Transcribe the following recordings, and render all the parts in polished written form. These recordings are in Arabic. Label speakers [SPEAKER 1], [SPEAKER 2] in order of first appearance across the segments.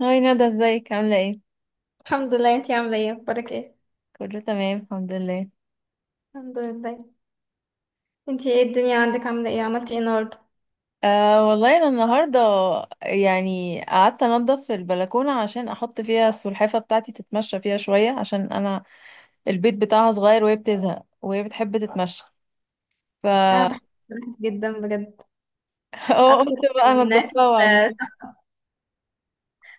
[SPEAKER 1] هاي ندى، ازيك عاملة ايه؟
[SPEAKER 2] الحمد لله. انتي عاملة ايه؟ اخبارك ايه؟
[SPEAKER 1] كله تمام الحمد لله.
[SPEAKER 2] الحمد لله. انتي ايه الدنيا عندك، عاملة ايه، عملتي ايه النهاردة؟
[SPEAKER 1] أه والله انا النهاردة يعني قعدت انضف البلكونة عشان احط فيها السلحفة بتاعتي تتمشى فيها شوية عشان انا البيت بتاعها صغير، وهي بتزهق وهي بتحب تتمشى ف
[SPEAKER 2] انا بحب الأكل جدا بجد،
[SPEAKER 1] اه
[SPEAKER 2] اكتر
[SPEAKER 1] قلت بقى
[SPEAKER 2] من أكل.
[SPEAKER 1] انضفها واعمل إيه.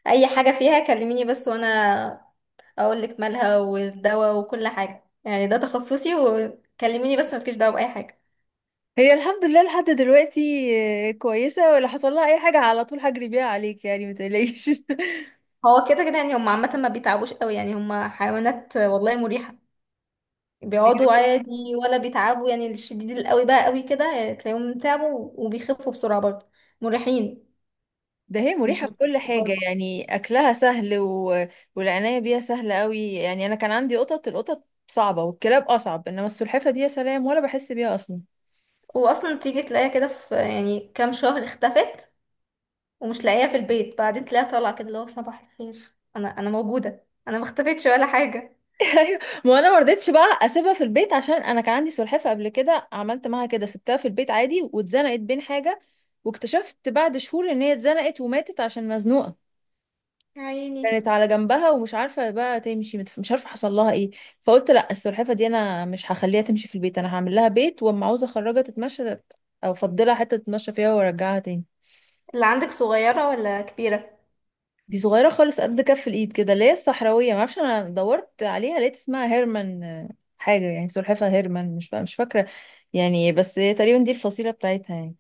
[SPEAKER 2] اي حاجة فيها كلميني بس، وانا اقول لك مالها والدواء وكل حاجة، يعني ده تخصصي. وكلميني بس، مفيش دواء بأي حاجة.
[SPEAKER 1] هي الحمد لله لحد دلوقتي كويسة، ولا حصل لها اي حاجة على طول، هجري بيها عليك يعني، متقلقيش.
[SPEAKER 2] هو كده كده يعني، هم عامة ما بيتعبوش قوي، يعني هم حيوانات والله مريحة. بيقعدوا عادي ولا بيتعبوا، يعني الشديد القوي بقى قوي كده، يعني تلاقيهم تعبوا وبيخفوا بسرعة برضه. مريحين،
[SPEAKER 1] ده هي
[SPEAKER 2] مش
[SPEAKER 1] مريحة في كل
[SPEAKER 2] بطيئين
[SPEAKER 1] حاجة
[SPEAKER 2] خالص.
[SPEAKER 1] يعني أكلها سهل والعناية بيها سهلة قوي يعني أنا كان عندي قطط، القطط صعبة والكلاب أصعب، إنما السلحفة دي يا سلام، ولا بحس بيها أصلا.
[SPEAKER 2] واصلا بتيجي تلاقيها كده في يعني كام شهر اختفت ومش لاقيها في البيت، بعدين تلاقيها طالعه كده، اللي هو صباح الخير، انا موجوده، انا ما اختفتش ولا حاجه.
[SPEAKER 1] أيوة، ما أنا مرضتش بقى أسيبها في البيت عشان أنا كان عندي سلحفة قبل كده، عملت معاها كده سبتها في البيت عادي، واتزنقت بين حاجة، واكتشفت بعد شهور إن هي اتزنقت وماتت عشان مزنوقة.
[SPEAKER 2] يا عيني،
[SPEAKER 1] كانت على جنبها ومش عارفة بقى تمشي، مش عارفة حصل لها ايه. فقلت لا، السلحفة دي انا مش هخليها تمشي في البيت، انا هعمل لها بيت، واما عاوزة اخرجها تتمشى او افضلها حتة تتمشى فيها وارجعها تاني.
[SPEAKER 2] اللي عندك صغيره ولا كبيره؟
[SPEAKER 1] دي صغيرة خالص قد كف الايد كده، اللي هي الصحراوية، معرفش، انا دورت عليها لقيت اسمها هيرمان. حاجة يعني سلحفة هيرمان، مش فاكرة يعني، بس هي تقريبا دي الفصيلة بتاعتها يعني.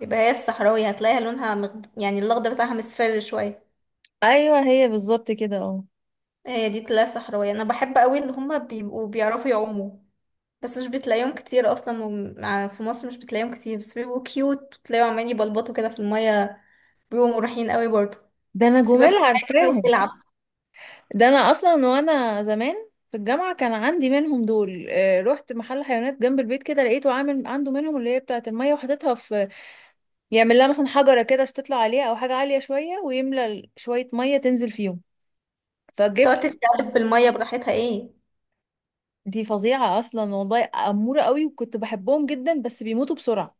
[SPEAKER 2] يبقى هي الصحراوي، هتلاقيها لونها يعني الاخضر بتاعها مصفر شويه.
[SPEAKER 1] ايوه هي بالظبط كده اه
[SPEAKER 2] هي دي تلاقيها صحراويه. انا بحب قوي اللي هما بيبقوا بيعرفوا يعوموا، بس مش بتلاقيهم كتير اصلا، في مصر مش بتلاقيهم كتير، بس بيبقوا كيوت وتلاقيهم عمالين يبلبطوا كده في الميه، بيبقوا مريحين قوي برضه.
[SPEAKER 1] ده انا
[SPEAKER 2] تسيبها في
[SPEAKER 1] جمال
[SPEAKER 2] الميه كده
[SPEAKER 1] عارفاهم.
[SPEAKER 2] وتلعب،
[SPEAKER 1] ده انا اصلا وانا زمان في الجامعه كان عندي منهم دول. رحت محل حيوانات جنب البيت كده، لقيته عامل عنده منهم اللي هي بتاعه الميه، وحاططها في، يعمل لها مثلا حجره كده عشان تطلع عليها او حاجه عاليه شويه، ويملى شويه ميه تنزل فيهم، فجبت.
[SPEAKER 2] تقعد تتكلم في المية براحتها ايه.
[SPEAKER 1] دي فظيعه اصلا والله، اموره قوي، وكنت بحبهم جدا بس بيموتوا بسرعه.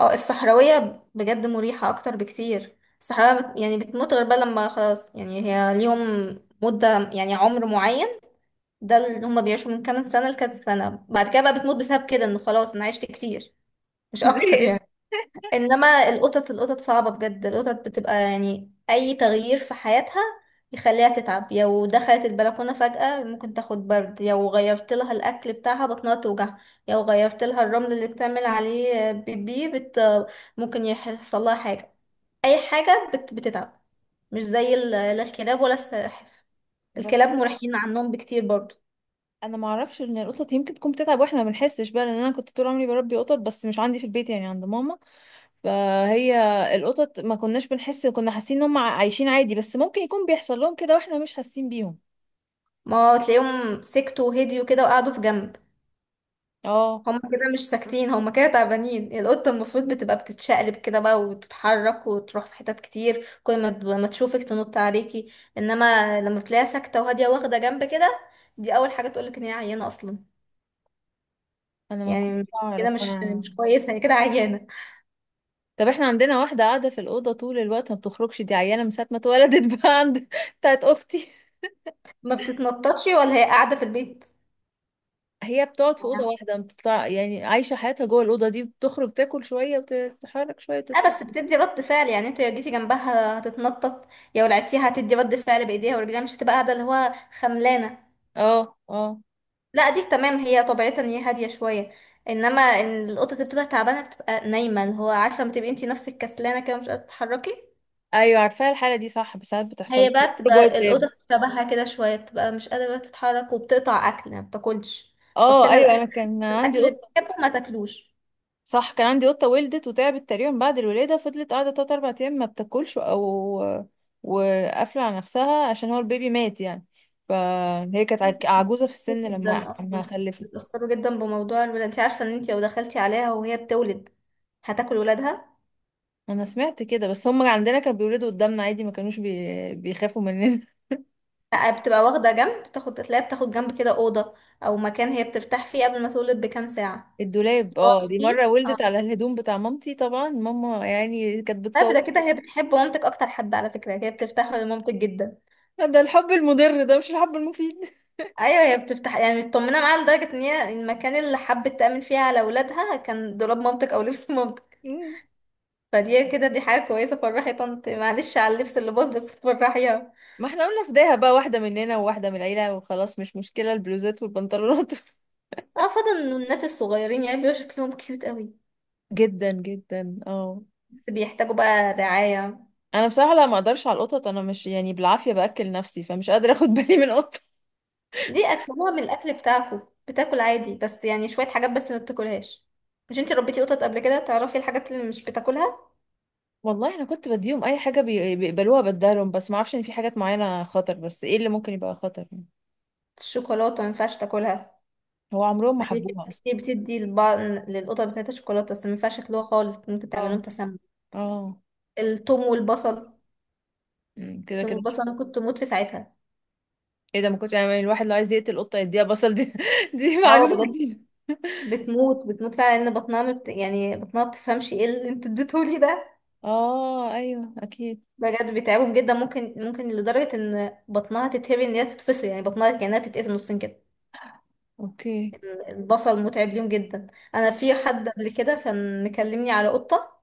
[SPEAKER 2] اه الصحراوية بجد مريحة اكتر بكتير. الصحراوية يعني بتموت غير بقى لما خلاص، يعني هي ليهم مدة يعني عمر معين، ده اللي هما بيعيشوا من كام سنة لكذا سنة، بعد كده بقى بتموت بسبب كده انه خلاص انا عشت كتير، مش اكتر
[SPEAKER 1] زهقت.
[SPEAKER 2] يعني. انما القطط، القطط صعبة بجد. القطط بتبقى يعني اي تغيير في حياتها يخليها تتعب. لو دخلت البلكونة فجأة ممكن تاخد برد، لو غيرت لها الاكل بتاعها بطنها توجع، لو غيرت لها الرمل اللي بتعمل عليه بيبي ممكن يحصل لها حاجة، اي حاجة بتتعب. مش زي لا الكلاب ولا السلاحف،
[SPEAKER 1] بس
[SPEAKER 2] الكلاب مريحين عنهم بكتير برضو.
[SPEAKER 1] انا ما اعرفش ان القطط يمكن تكون بتتعب واحنا ما بنحسش بقى، لان انا كنت طول عمري بربي قطط بس مش عندي في البيت يعني عند ماما. فهي القطط ما كناش بنحس، كنا حاسين ان هم عايشين عادي، بس ممكن يكون بيحصل لهم كده واحنا مش حاسين بيهم.
[SPEAKER 2] ما تلاقيهم سكتوا وهديوا كده وقعدوا في جنب،
[SPEAKER 1] اه
[SPEAKER 2] هم كده مش ساكتين، هم كده تعبانين. القطة المفروض بتبقى بتتشقلب كده بقى وتتحرك وتروح في حتت كتير، كل ما تشوفك تنط عليكي، انما لما بتلاقيها ساكتة وهادية واخدة جنب كده، دي اول حاجة تقولك ان هي عيانة اصلا،
[SPEAKER 1] انا ما كنتش
[SPEAKER 2] يعني كده
[SPEAKER 1] اعرف
[SPEAKER 2] مش
[SPEAKER 1] يعني.
[SPEAKER 2] كويسة، هي كده عيانة.
[SPEAKER 1] طب احنا عندنا واحدة قاعدة في الأوضة طول الوقت ما بتخرجش، دي عيانة من ساعة ما اتولدت. بقى عند بتاعت أختي.
[SPEAKER 2] ما بتتنططش ولا هي قاعدة في البيت،
[SPEAKER 1] هي بتقعد في أوضة واحدة، بتطلع يعني عايشة حياتها جوه الأوضة دي، بتخرج تاكل شوية وتتحرك شوية
[SPEAKER 2] اه
[SPEAKER 1] وتدخل.
[SPEAKER 2] بس بتدي رد فعل، يعني انت لو جيتي جنبها هتتنطط، يا لو لعبتيها هتدي رد فعل بايديها ورجليها، مش هتبقى قاعدة اللي هو خملانة.
[SPEAKER 1] اه اه،
[SPEAKER 2] لا دي تمام، هي طبيعتها ان هي هاديه شويه، انما ان القطه اللي بتبقى تعبانه بتبقى نايمه، اللي هو عارفه لما تبقي انتي نفسك كسلانه كده مش قادره تتحركي،
[SPEAKER 1] ايوه عارفاها الحالة دي صح، بس ساعات بتحصل لي
[SPEAKER 2] هي بقى
[SPEAKER 1] بتخرج جوه
[SPEAKER 2] بتبقى
[SPEAKER 1] الداب.
[SPEAKER 2] القطه شبهها كده شويه، بتبقى مش قادره تتحرك وبتقطع اكل، ما بتاكلش، تحط
[SPEAKER 1] اه
[SPEAKER 2] لها
[SPEAKER 1] ايوه،
[SPEAKER 2] الاكل،
[SPEAKER 1] انا كان عندي
[SPEAKER 2] الأكل اللي
[SPEAKER 1] قطة.
[SPEAKER 2] بتحبه ما تاكلوش.
[SPEAKER 1] صح، كان عندي قطة ولدت وتعبت تقريبا بعد الولادة، فضلت قاعدة تلات أربع أيام ما بتاكلش أو وقافلة على نفسها عشان هو البيبي مات يعني. فهي كانت عجوزة في
[SPEAKER 2] كتير
[SPEAKER 1] السن، لما
[SPEAKER 2] جدا
[SPEAKER 1] لما
[SPEAKER 2] اصلا
[SPEAKER 1] خلفت.
[SPEAKER 2] بيتاثروا جدا بموضوع الولاد. انت عارفه ان انت لو دخلتي عليها وهي بتولد هتاكل ولادها؟
[SPEAKER 1] أنا سمعت كده، بس هم عندنا كانوا بيولدوا قدامنا عادي، ما كانوش بيخافوا مننا.
[SPEAKER 2] لا بتبقى واخده جنب، بتاخد تلاقيها بتاخد جنب كده اوضه او مكان هي بترتاح فيه قبل ما تولد بكام ساعه،
[SPEAKER 1] الدولاب،
[SPEAKER 2] تقعد
[SPEAKER 1] اه دي
[SPEAKER 2] فيه.
[SPEAKER 1] مرة ولدت على الهدوم بتاع مامتي، طبعا ماما يعني كانت
[SPEAKER 2] طيب
[SPEAKER 1] بتصور.
[SPEAKER 2] ده كده هي بتحب مامتك اكتر حد على فكره، هي بترتاح لمامتك جدا.
[SPEAKER 1] ده الحب المضر، ده مش الحب المفيد.
[SPEAKER 2] ايوه هي بتفتح يعني مطمنه معاها لدرجه ان هي المكان اللي حبت تامن فيه على اولادها كان دولاب مامتك او لبس مامتك، فدي كده دي حاجه كويسه. فرحي طنط، معلش على اللبس اللي باظ بس فرحيها.
[SPEAKER 1] ما احنا قلنا فداها بقى، واحدة مننا وواحدة من العيلة وخلاص، مش مشكلة البلوزات والبنطلونات.
[SPEAKER 2] اه فضل النونات الصغيرين، يعني بيبقى شكلهم كيوت قوي،
[SPEAKER 1] جدا جدا اه
[SPEAKER 2] بيحتاجوا بقى رعايه.
[SPEAKER 1] انا بصراحه لا، ما اقدرش على القطط، انا مش يعني، بالعافيه باكل نفسي، فمش قادره اخد بالي من قطه.
[SPEAKER 2] دي اكلوها من الاكل بتاعكو؟ بتاكل عادي بس يعني شويه حاجات بس ما بتاكلهاش. مش انتي ربيتي قطط قبل كده، تعرفي الحاجات اللي مش بتاكلها؟
[SPEAKER 1] والله انا كنت بديهم اي حاجه، بيقبلوها بديهم، بس ما اعرفش ان في حاجات معينه خطر، بس ايه اللي ممكن يبقى خطر يعني.
[SPEAKER 2] الشوكولاته ما ينفعش تاكلها،
[SPEAKER 1] هو عمرهم ما
[SPEAKER 2] مع ان في ناس
[SPEAKER 1] حبوها اصلا.
[SPEAKER 2] كتير بتدي لبعض للقطط بتاعتها شوكولاته، بس ما ينفعش ياكلوها خالص، ممكن
[SPEAKER 1] اه
[SPEAKER 2] تعمل لهم تسمم.
[SPEAKER 1] اه،
[SPEAKER 2] التوم والبصل،
[SPEAKER 1] كده
[SPEAKER 2] التوم
[SPEAKER 1] كده.
[SPEAKER 2] والبصل، انا كنت اموت في ساعتها.
[SPEAKER 1] ايه ده، ما كنت يعني، الواحد لو عايز يقتل قطه يديها بصل دي. دي
[SPEAKER 2] اه
[SPEAKER 1] معلومه
[SPEAKER 2] بجد،
[SPEAKER 1] جديده.
[SPEAKER 2] بتموت، بتموت فعلا، ان بطنها يعني بطنها بتفهمش ايه اللي انتوا اديتهولي ده.
[SPEAKER 1] اه ايوه اكيد.
[SPEAKER 2] بجد بيتعبهم جدا، ممكن لدرجه ان بطنها تتهري، ان هي تتفصل، يعني بطنها كانها تتقسم نصين كده.
[SPEAKER 1] اوكي.
[SPEAKER 2] البصل متعب ليهم جدا. انا في حد قبل كده كان مكلمني على قطه،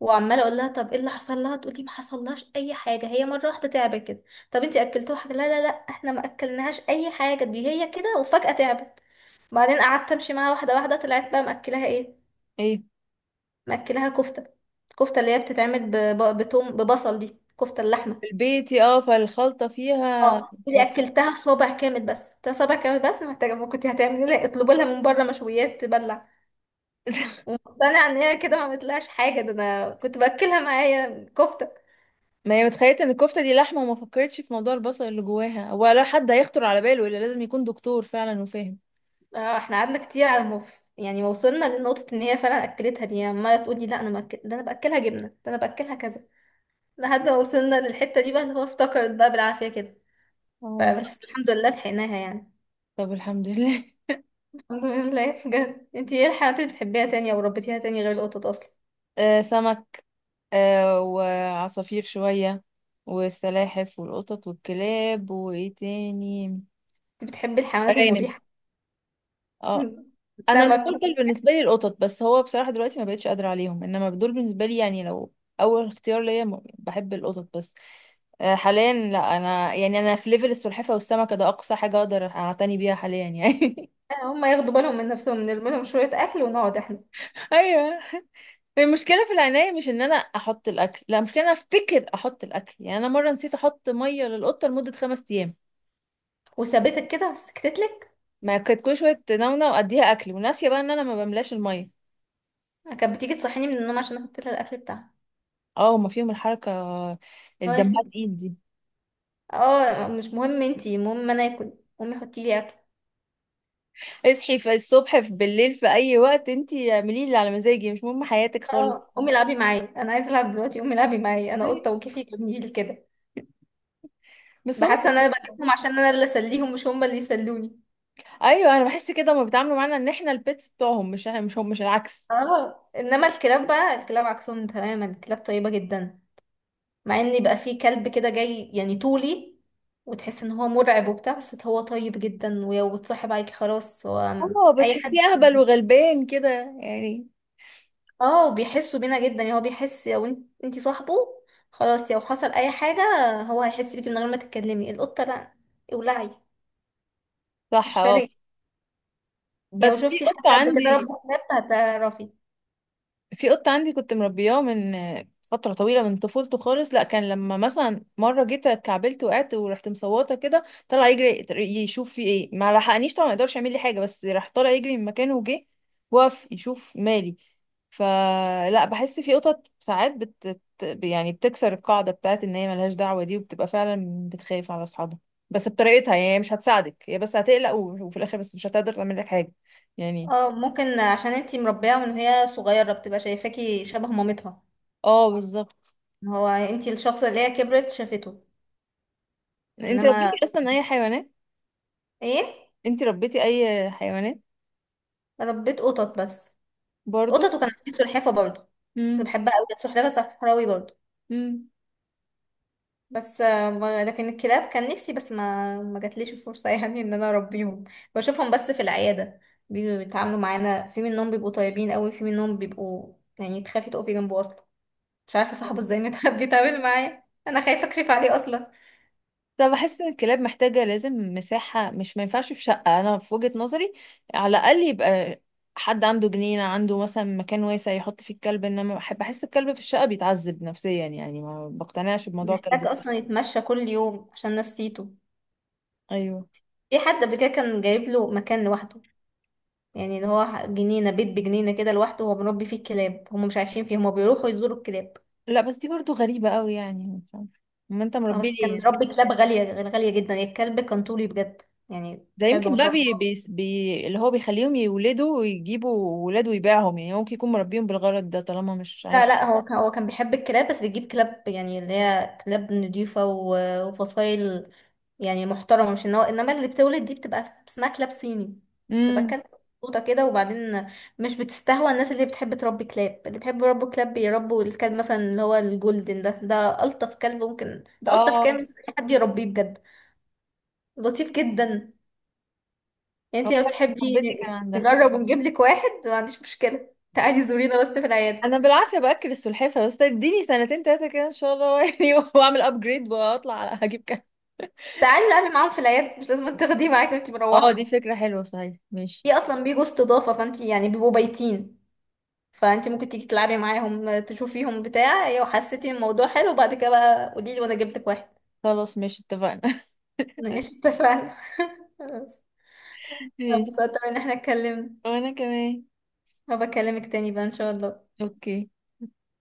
[SPEAKER 2] وعماله اقول لها طب ايه اللي حصل لها، تقول لي ما حصلهاش اي حاجه، هي مره واحده تعبت كده. طب انتي اكلتوها حاجه؟ لا احنا ما اكلناهاش اي حاجه، دي هي كده وفجاه تعبت. بعدين قعدت امشي معاها واحده واحده، طلعت بقى مأكلاها ايه؟
[SPEAKER 1] ايه؟
[SPEAKER 2] مأكلاها كفته، الكفته اللي هي بتتعمل بتوم ببصل، دي كفته اللحمه.
[SPEAKER 1] في البيت فالخلطه فيها
[SPEAKER 2] اه اللي
[SPEAKER 1] بخ.
[SPEAKER 2] اكلتها صابع كامل، بس ده صابع كامل، بس محتاجه. ما كنت هتعملي لها اطلبوا لها من بره مشويات تبلع؟ ومقتنعه ان هي كده ما عملتلهاش حاجه، ده انا كنت باكلها معايا كفته.
[SPEAKER 1] ما هي متخيلة ان الكفتة دي لحمة، وما فكرتش في موضوع البصل اللي جواها، ولا حد هيخطر على باله الا لازم يكون دكتور فعلا وفاهم.
[SPEAKER 2] آه، احنا قعدنا كتير على موف، يعني ما وصلنا لنقطة ان هي فعلا اكلتها دي، يعني عمالة تقولي لا انا ده انا باكلها جبنة، ده انا باكلها كذا، لحد ما وصلنا للحتة دي بقى اللي هو افتكرت بقى بالعافية كده.
[SPEAKER 1] اه،
[SPEAKER 2] فبنحس الحمد لله لحقناها يعني.
[SPEAKER 1] طب الحمد لله.
[SPEAKER 2] الحمد لله بجد. انتي ايه الحيوانات اللي بتحبيها تاني او ربيتيها تاني غير القطط اصلا؟
[SPEAKER 1] آه سمك، آه وعصافير شوية، والسلاحف والقطط والكلاب، وايه تاني؟
[SPEAKER 2] انتي بتحبي الحيوانات
[SPEAKER 1] أرانب.
[SPEAKER 2] المريحة.
[SPEAKER 1] اه انا
[SPEAKER 2] سمك
[SPEAKER 1] المفضل بالنسبة لي القطط، بس هو بصراحة دلوقتي ما بقتش قادرة عليهم، انما دول بالنسبة لي يعني لو اول اختيار ليا، بحب القطط بس. آه، حاليا لا، انا يعني انا في ليفل السلحفه والسمكه، ده اقصى حاجه اقدر اعتني بيها حاليا يعني.
[SPEAKER 2] آه، هم ياخدوا بالهم من نفسهم، نرمي لهم شوية اكل ونقعد احنا.
[SPEAKER 1] ايوه، المشكله في العنايه مش ان انا احط الاكل، لا، المشكله إن انا افتكر احط الاكل، يعني انا مره نسيت احط ميه للقطه لمده 5 ايام.
[SPEAKER 2] وثابتك كده وسكتتلك؟
[SPEAKER 1] ما كانت كل شويه نونة واديها اكل، وناسيه بقى ان انا ما بملاش الميه.
[SPEAKER 2] كانت بتيجي تصحيني من النوم عشان احط لها الاكل بتاعها،
[SPEAKER 1] اه، هما فيهم الحركه،
[SPEAKER 2] هو يا
[SPEAKER 1] الدمها
[SPEAKER 2] ستي.
[SPEAKER 1] تقيل دي.
[SPEAKER 2] اه مش مهم انتي، المهم انا اكل، امي حطي لي اكل.
[SPEAKER 1] اصحي في الصبح في بالليل في اي وقت، انتي اعملي اللي على مزاجي، مش مهم حياتك خالص.
[SPEAKER 2] اه امي العبي معايا، انا عايزه العب دلوقتي، امي العبي معايا، انا قطه
[SPEAKER 1] أيوة.
[SPEAKER 2] وكيفي جميل لي كده.
[SPEAKER 1] بس هم.
[SPEAKER 2] بحس ان انا بجيبهم عشان انا اللي اسليهم، مش هم اللي يسلوني.
[SPEAKER 1] ايوه، انا بحس كده، هما بيتعاملوا معانا ان احنا البيتس بتوعهم، مش هم، مش العكس.
[SPEAKER 2] اه انما الكلاب بقى، الكلاب عكسهم تماما، الكلاب طيبه جدا. مع ان يبقى في كلب كده جاي يعني طولي، وتحس ان هو مرعب وبتاع، بس هو طيب جدا، ولو اتصاحب عليكي خلاص هو
[SPEAKER 1] اه
[SPEAKER 2] اي
[SPEAKER 1] بتحسيه
[SPEAKER 2] حد.
[SPEAKER 1] اهبل وغلبان كده يعني.
[SPEAKER 2] اه وبيحسوا بينا جدا، يعني هو بيحس لو انت صاحبه، خلاص لو حصل اي حاجة هو هيحس بيكي من غير ما تتكلمي. القطة لا، ولعي،
[SPEAKER 1] صح
[SPEAKER 2] مش
[SPEAKER 1] اه
[SPEAKER 2] فارق،
[SPEAKER 1] بس
[SPEAKER 2] يعني لو شفتي حد قبل كده ربى كلاب هتعرفي.
[SPEAKER 1] في قط عندي كنت مربياه من فترة طويلة من طفولته خالص. لا، كان لما مثلا مرة جيت كعبلت وقعت ورحت مصوتة كده، طلع يجري يشوف في ايه، ما لحقنيش طبعا، ما يقدرش يعمل لي حاجة، بس راح طالع يجري من مكانه وجه وقف يشوف مالي. فلا بحس في قطط ساعات يعني بتكسر القاعدة بتاعت ان هي ملهاش دعوة دي، وبتبقى فعلا بتخاف على اصحابها، بس بطريقتها يعني، هي مش هتساعدك، هي بس هتقلق، وفي الاخر بس مش هتقدر تعمل لك حاجة يعني.
[SPEAKER 2] اه ممكن عشان انتي مربية من وهي صغيرة بتبقى شايفاكي شبه مامتها،
[SPEAKER 1] اه بالظبط.
[SPEAKER 2] هو انتي الشخص اللي هي كبرت شافته.
[SPEAKER 1] انت
[SPEAKER 2] انما
[SPEAKER 1] ربيتي اصلا اي حيوانات
[SPEAKER 2] ايه؟
[SPEAKER 1] انتي ربيتي اي حيوانات؟
[SPEAKER 2] ربيت قطط بس،
[SPEAKER 1] برضو.
[SPEAKER 2] قطط، وكان عندي سلحفة برضه، كنت
[SPEAKER 1] امم
[SPEAKER 2] بحبها قوي، كانت سلحفة صحراوي برضه.
[SPEAKER 1] امم
[SPEAKER 2] بس آه، لكن الكلاب كان نفسي، بس ما جاتليش الفرصة يعني ان انا اربيهم. بشوفهم بس في العيادة، بيجوا يتعاملوا معانا، في منهم بيبقوا طيبين قوي، في منهم بيبقوا يعني تخافي تقفي جنبه اصلا، مش عارفة صاحبه ازاي متعب بيتعامل معايا، انا خايفة اكشف عليه اصلا.
[SPEAKER 1] طب بحس ان الكلاب محتاجة لازم مساحة، مش ما ينفعش في شقة، انا في وجهة نظري على الاقل يبقى حد عنده جنينة، عنده مثلا مكان واسع يحط فيه الكلب، انما بحس الكلب في الشقة بيتعذب نفسيا يعني، ما بقتنعش بموضوع كلب
[SPEAKER 2] محتاج
[SPEAKER 1] في
[SPEAKER 2] اصلا
[SPEAKER 1] الشقة.
[SPEAKER 2] يتمشى كل يوم عشان نفسيته.
[SPEAKER 1] ايوه
[SPEAKER 2] في حد قبل كده كان جايب له مكان لوحده، يعني اللي هو جنينة، بيت بجنينة كده لوحده، هو مربي فيه الكلاب، هم مش عايشين فيه، هم بيروحوا يزوروا الكلاب.
[SPEAKER 1] لا، بس دي برضو غريبة قوي يعني مش عارفة. ما انت
[SPEAKER 2] اه
[SPEAKER 1] مربيه
[SPEAKER 2] بس
[SPEAKER 1] ليه
[SPEAKER 2] كان
[SPEAKER 1] يعني؟
[SPEAKER 2] ربي كلاب غالية، غالية جدا، الكلب كان طولي بجد، يعني
[SPEAKER 1] ده
[SPEAKER 2] كلب
[SPEAKER 1] يمكن
[SPEAKER 2] ما
[SPEAKER 1] بقى
[SPEAKER 2] شاء
[SPEAKER 1] بي
[SPEAKER 2] الله.
[SPEAKER 1] بي بي اللي هو بيخليهم يولدوا ويجيبوا ولاد ويبيعهم، يعني هو ممكن يكون مربيهم بالغرض ده طالما مش
[SPEAKER 2] لا
[SPEAKER 1] عايش.
[SPEAKER 2] لا، هو كان بيحب الكلاب، بس بيجيب كلاب يعني اللي هي كلاب نضيفة وفصايل يعني محترمة، مش ان هو انما اللي بتولد دي بتبقى اسمها كلاب صيني، بتبقى
[SPEAKER 1] امم.
[SPEAKER 2] كلب، قطة كده، وبعدين مش بتستهوى الناس اللي بتحب تربي كلاب. اللي بيحبوا يربوا كلاب بيربوا الكلب مثلا اللي هو الجولدن ده ألطف كلب ممكن، ده ألطف كلب
[SPEAKER 1] اه،
[SPEAKER 2] ممكن أي حد يربيه بجد، لطيف جدا. يعني
[SPEAKER 1] هو
[SPEAKER 2] انت لو
[SPEAKER 1] فعلا
[SPEAKER 2] تحبي
[SPEAKER 1] صاحبتي كان عندها.
[SPEAKER 2] نجرب ونجيب لك واحد، ما عنديش مشكلة، تعالي زورينا بس في العيادة،
[SPEAKER 1] انا بالعافيه باكل السلحفه بس، اديني سنتين تلاته كده ان شاء الله يعني. واعمل ابجريد واطلع على هجيب كده.
[SPEAKER 2] تعالي نعمل معاهم في العيادة، مش لازم تاخديه معاكي وانت
[SPEAKER 1] اه دي
[SPEAKER 2] مروحة.
[SPEAKER 1] فكره حلوه صحيح، ماشي.
[SPEAKER 2] في اصلا بيجوا استضافة، فانت يعني بيبقوا بايتين، فانت ممكن تيجي تلعبي معاهم تشوفيهم بتاع، لو حسيتي الموضوع حلو بعد كده بقى قولي لي وانا جبت لك واحد.
[SPEAKER 1] خلاص ماشي اتفقنا.
[SPEAKER 2] ماشي، اتفقنا. بس
[SPEAKER 1] ماشي.
[SPEAKER 2] اتبسطت ان احنا اتكلمنا،
[SPEAKER 1] وانا كمان.
[SPEAKER 2] هبقى اكلمك تاني بقى ان شاء الله.
[SPEAKER 1] اوكي.